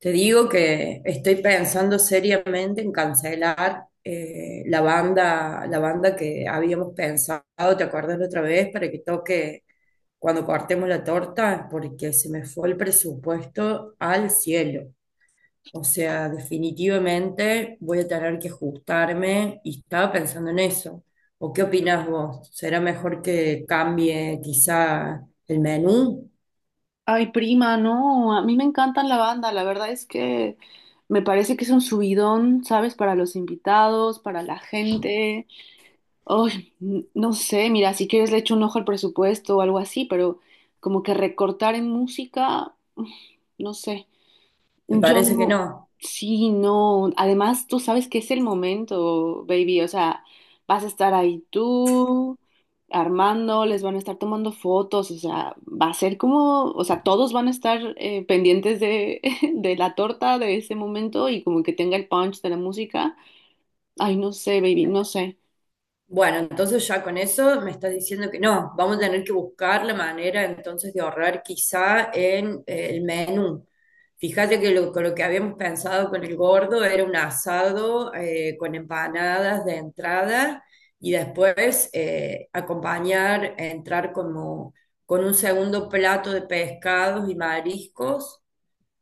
Te digo que estoy pensando seriamente en cancelar la banda que habíamos pensado, ¿te acuerdas la otra vez? Para que toque cuando cortemos la torta, porque se me fue el presupuesto al cielo. O sea, definitivamente voy a tener que ajustarme y estaba pensando en eso. ¿O qué opinás vos? ¿Será mejor que cambie quizá el menú? Ay, prima, no, a mí me encantan la banda, la verdad es que me parece que es un subidón, ¿sabes? Para los invitados, para la gente. Ay, no sé, mira, si quieres le echo un ojo al presupuesto o algo así, pero como que recortar en música, uf, no sé. ¿Te Yo parece que no? sí, no. Además, tú sabes que es el momento, baby. O sea, vas a estar ahí tú, Armando, les van a estar tomando fotos. O sea, va a ser como, o sea, todos van a estar pendientes de, de la torta de ese momento y como que tenga el punch de la música. Ay, no sé, baby, no sé. Bueno, entonces ya con eso me estás diciendo que no, vamos a tener que buscar la manera entonces de ahorrar quizá en el menú. Fíjate que con lo que habíamos pensado con el gordo era un asado con empanadas de entrada y después acompañar, entrar como con un segundo plato de pescados y mariscos.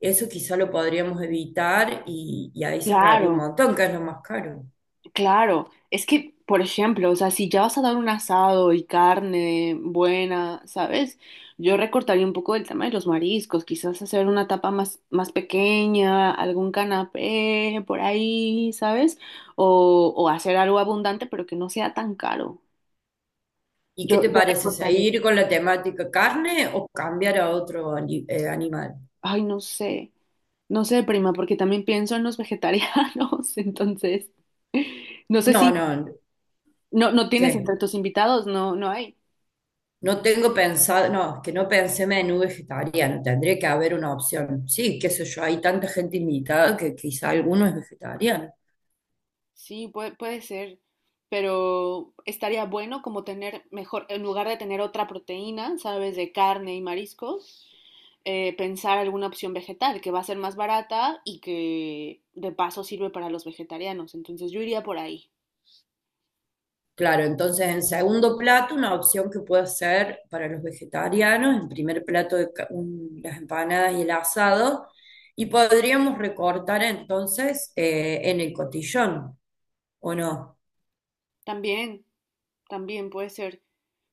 Eso quizá lo podríamos evitar y ahí se ahorraría un Claro. montón, que es lo más caro. Claro, es que, por ejemplo, o sea, si ya vas a dar un asado y carne buena, ¿sabes? Yo recortaría un poco el tema de los mariscos, quizás hacer una tapa más, más pequeña, algún canapé por ahí, ¿sabes? O hacer algo abundante, pero que no sea tan caro. ¿Y qué Yo, te yo parece? recortaría, ¿Seguir con la temática carne o cambiar a otro animal? ay, no sé, no sé, prima, porque también pienso en los vegetarianos, entonces, no sé No, si, no, no, no tienes ¿qué? entre tus invitados, no, no hay. No tengo pensado, no, es que no pensé menú vegetariano, tendría que haber una opción. Sí, qué sé yo, hay tanta gente invitada que quizá alguno es vegetariano. Sí, puede, puede ser, pero estaría bueno como tener mejor, en lugar de tener otra proteína, ¿sabes? De carne y mariscos, pensar alguna opción vegetal que va a ser más barata y que de paso sirve para los vegetarianos. Entonces yo iría por ahí. Claro, entonces en segundo plato una opción que puede ser para los vegetarianos, en primer plato las empanadas y el asado, y podríamos recortar entonces en el cotillón, ¿o no? También, también puede ser.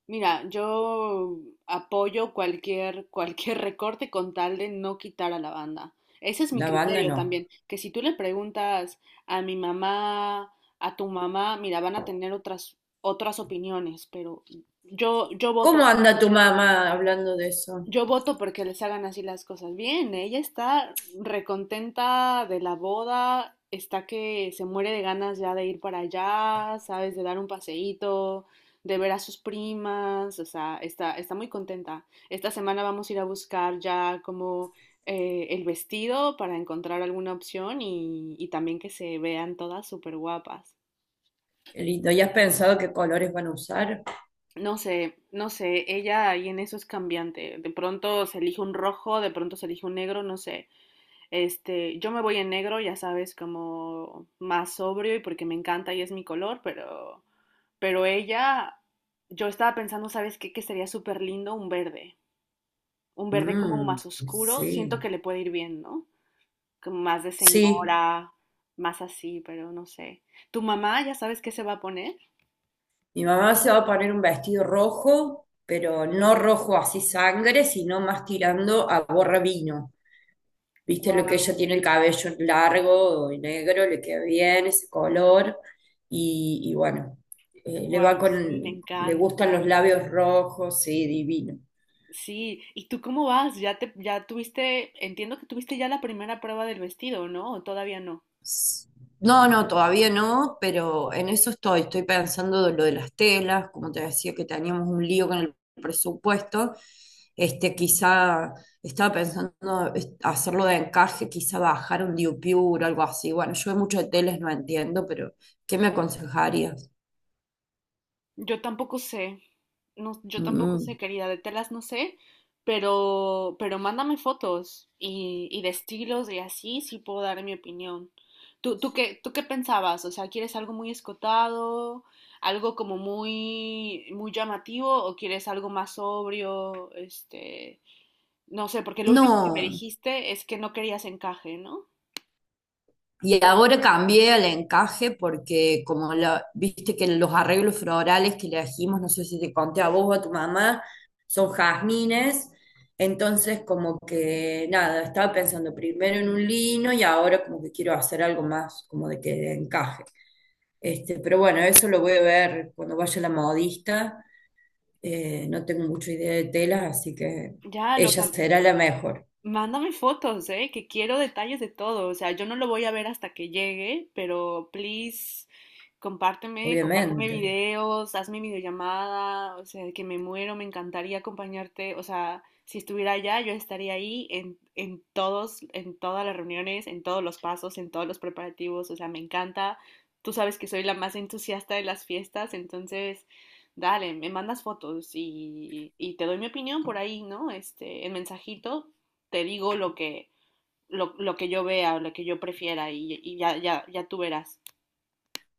Mira, yo apoyo cualquier, cualquier recorte con tal de no quitar a la banda. Ese es mi La banda criterio no. también, que si tú le preguntas a mi mamá, a tu mamá, mira, van a tener otras, otras opiniones, pero yo, yo voto ¿Cómo anda tu mamá hablando de eso? yo voto porque les hagan así las cosas bien. Ella está recontenta de la boda, está que se muere de ganas ya de ir para allá, sabes, de dar un paseíto, de ver a sus primas, o sea, está, está muy contenta. Esta semana vamos a ir a buscar ya como el vestido para encontrar alguna opción y también que se vean todas súper guapas. Qué lindo. ¿Y has pensado qué colores van a usar? No sé, no sé, ella ahí en eso es cambiante. De pronto se elige un rojo, de pronto se elige un negro, no sé. Este, yo me voy en negro, ya sabes, como más sobrio y porque me encanta y es mi color, pero ella, yo estaba pensando, ¿sabes qué? Que sería súper lindo un verde como Mm, más oscuro, siento sí. que le puede ir bien, ¿no? Como más de Sí, señora, más así, pero no sé. ¿Tu mamá ya sabes qué se va a poner? mi mamá se va a poner un vestido rojo, pero no rojo así sangre, sino más tirando a borra vino. Viste lo que ella Wow, tiene el cabello largo y negro, le queda bien ese color. Y bueno, le va wow, sí, me con, le encanta. gustan los labios rojos, sí, divino. Sí, ¿y tú cómo vas? Ya te, ya tuviste, entiendo que tuviste ya la primera prueba del vestido, ¿no? ¿O todavía no? No, no, todavía no, pero en eso estoy. Estoy pensando de lo de las telas, como te decía que teníamos un lío con el presupuesto. Este, quizá estaba pensando hacerlo de encaje, quizá bajar un diupiur, o algo así. Bueno, yo mucho de telas no entiendo, pero ¿qué me aconsejarías? Yo tampoco sé, no, yo tampoco Mm. sé, querida, de telas no sé, pero mándame fotos y de estilos y así sí puedo dar mi opinión. ¿Tú qué pensabas? O sea, ¿quieres algo muy escotado, algo como muy, muy llamativo o quieres algo más sobrio? Este, no sé, porque lo último que me No. dijiste es que no querías encaje, ¿no? Y ahora cambié al encaje porque como viste que los arreglos florales que le dijimos no sé si te conté a vos o a tu mamá, son jazmines. Entonces como que nada, estaba pensando primero en un lino y ahora como que quiero hacer algo más como de encaje. Este, pero bueno, eso lo voy a ver cuando vaya la modista. No tengo mucha idea de telas, así que Ya lo, ella cam- será la mejor, Mándame fotos, ¿eh? Que quiero detalles de todo. O sea, yo no lo voy a ver hasta que llegue, pero please, compárteme, compárteme obviamente. videos, hazme videollamada, o sea, que me muero, me encantaría acompañarte. O sea, si estuviera allá, yo estaría ahí en todos, en todas las reuniones, en todos los pasos, en todos los preparativos. O sea, me encanta. Tú sabes que soy la más entusiasta de las fiestas, entonces, dale, me mandas fotos y te doy mi opinión por ahí, ¿no? Este, en mensajito te digo lo que yo vea o lo que yo prefiera y ya, ya, ya tú verás.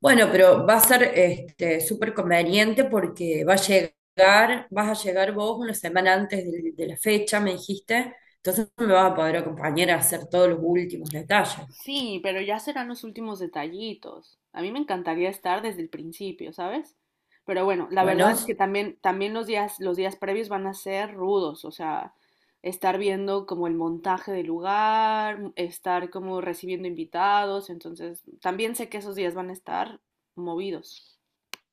Bueno, pero va a ser este, súper conveniente porque vas a llegar vos una semana antes de la fecha, me dijiste, entonces me vas a poder acompañar a hacer todos los últimos detalles. Sí, pero ya serán los últimos detallitos. A mí me encantaría estar desde el principio, ¿sabes? Pero bueno, la Bueno, verdad es que s- también, también los días previos van a ser rudos, o sea, estar viendo como el montaje del lugar, mm, estar como recibiendo invitados, entonces también sé que esos días van a estar movidos.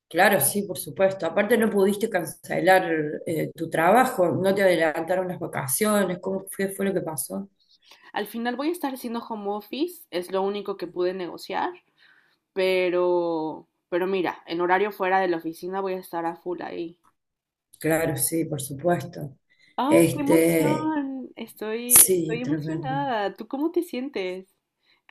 claro, sí, por supuesto. Aparte no pudiste cancelar tu trabajo, no te adelantaron las vacaciones, ¿ fue lo que pasó? Al final voy a estar haciendo home office, es lo único que pude negociar. Pero mira, en horario fuera de la oficina voy a estar a full ahí. Claro, sí, por supuesto. ¡Ay, qué Este, emoción! Estoy, sí, estoy tremendo. emocionada. ¿Tú cómo te sientes?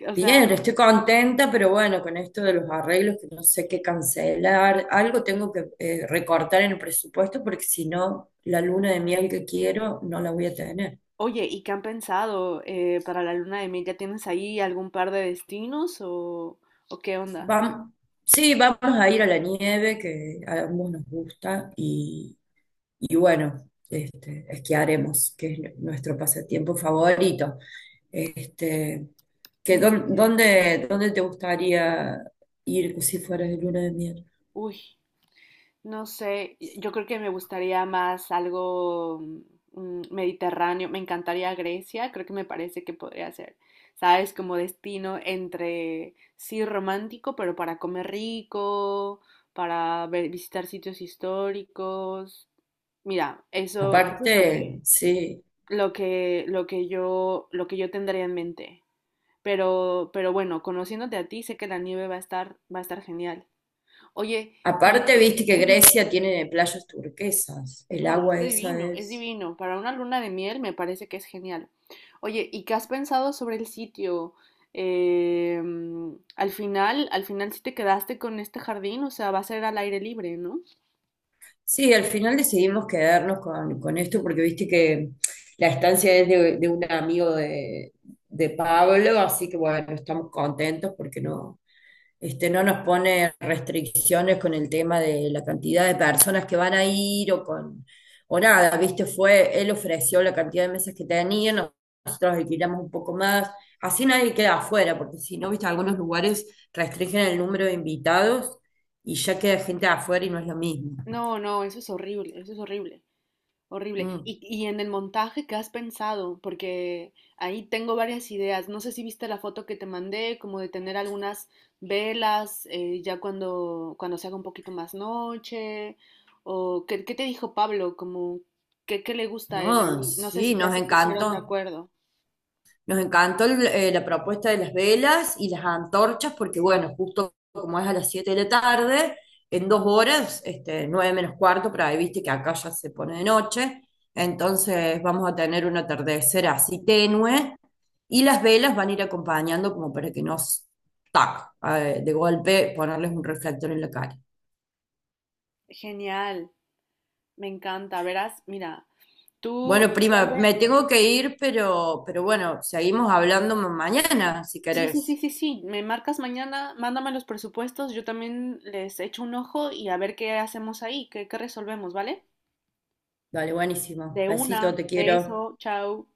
O sea, Bien, estoy contenta, pero bueno, con esto de los arreglos que no sé qué cancelar, algo tengo que recortar en el presupuesto porque si no, la luna de miel que quiero no la voy a tener. oye, ¿y qué han pensado para la luna de miel? ¿Ya tienes ahí algún par de destinos o qué onda? Vam- sí, vamos a ir a la nieve que a ambos nos gusta y bueno, este, esquiaremos, que es nuestro pasatiempo favorito. Este, Muy bien. Dónde te gustaría ir si fueras de luna de miel? Uy. No sé, yo creo que me gustaría más algo mediterráneo. Me encantaría Grecia, creo que me parece que podría ser, ¿sabes? Como destino entre, sí, romántico, pero para comer rico, para visitar sitios históricos. Mira, eso es lo Aparte, que, sí. Lo que yo tendría en mente. Pero bueno, conociéndote a ti, sé que la nieve va a estar genial. Oye, Aparte, y, viste que Ujú. Grecia tiene playas turquesas, el No, es agua esa divino, es es... divino. Para una luna de miel me parece que es genial. Oye, ¿y qué has pensado sobre el sitio? Mm, al final sí te quedaste con este jardín, o sea, va a ser al aire libre, ¿no? Sí, al final decidimos quedarnos con esto porque viste que la estancia es de un amigo de Pablo, así que bueno, estamos contentos porque no, este, no nos pone restricciones con el tema de la cantidad de personas que van a ir o con o nada, viste, fue, él ofreció la cantidad de mesas que tenía, nosotros alquilamos un poco más, así nadie queda afuera, porque si no, viste, algunos lugares restringen el número de invitados y ya queda gente afuera y no es lo mismo. No, no, eso es horrible, eso es horrible. Horrible. Mm, Y en el montaje, ¿qué has pensado? Porque ahí tengo varias ideas. No sé si viste la foto que te mandé, como de tener algunas velas, ya cuando, cuando se haga un poquito más noche. O ¿qué, qué te dijo Pablo? Como, ¿qué, qué le gusta a él no, ahí? No sé si sí, ya nos se pusieron de encantó. acuerdo. Nos encantó la propuesta de las velas y las antorchas, porque bueno, justo como es a las 7 de la tarde, en 2 horas, este, 8:45, pero ahí viste que acá ya se pone de noche, entonces vamos a tener un atardecer así tenue y las velas van a ir acompañando como para que nos, tac, de golpe ponerles un reflector en la cara. Genial, me encanta. Verás, mira, tú Bueno, prima, me resuelve. tengo que ir, pero bueno, seguimos hablando mañana, si Sí, sí, sí, querés. sí, sí. Me marcas mañana, mándame los presupuestos, yo también les echo un ojo y a ver qué hacemos ahí, qué, qué resolvemos, ¿vale? Dale, buenísimo. De Besito, una, te quiero. beso, chao.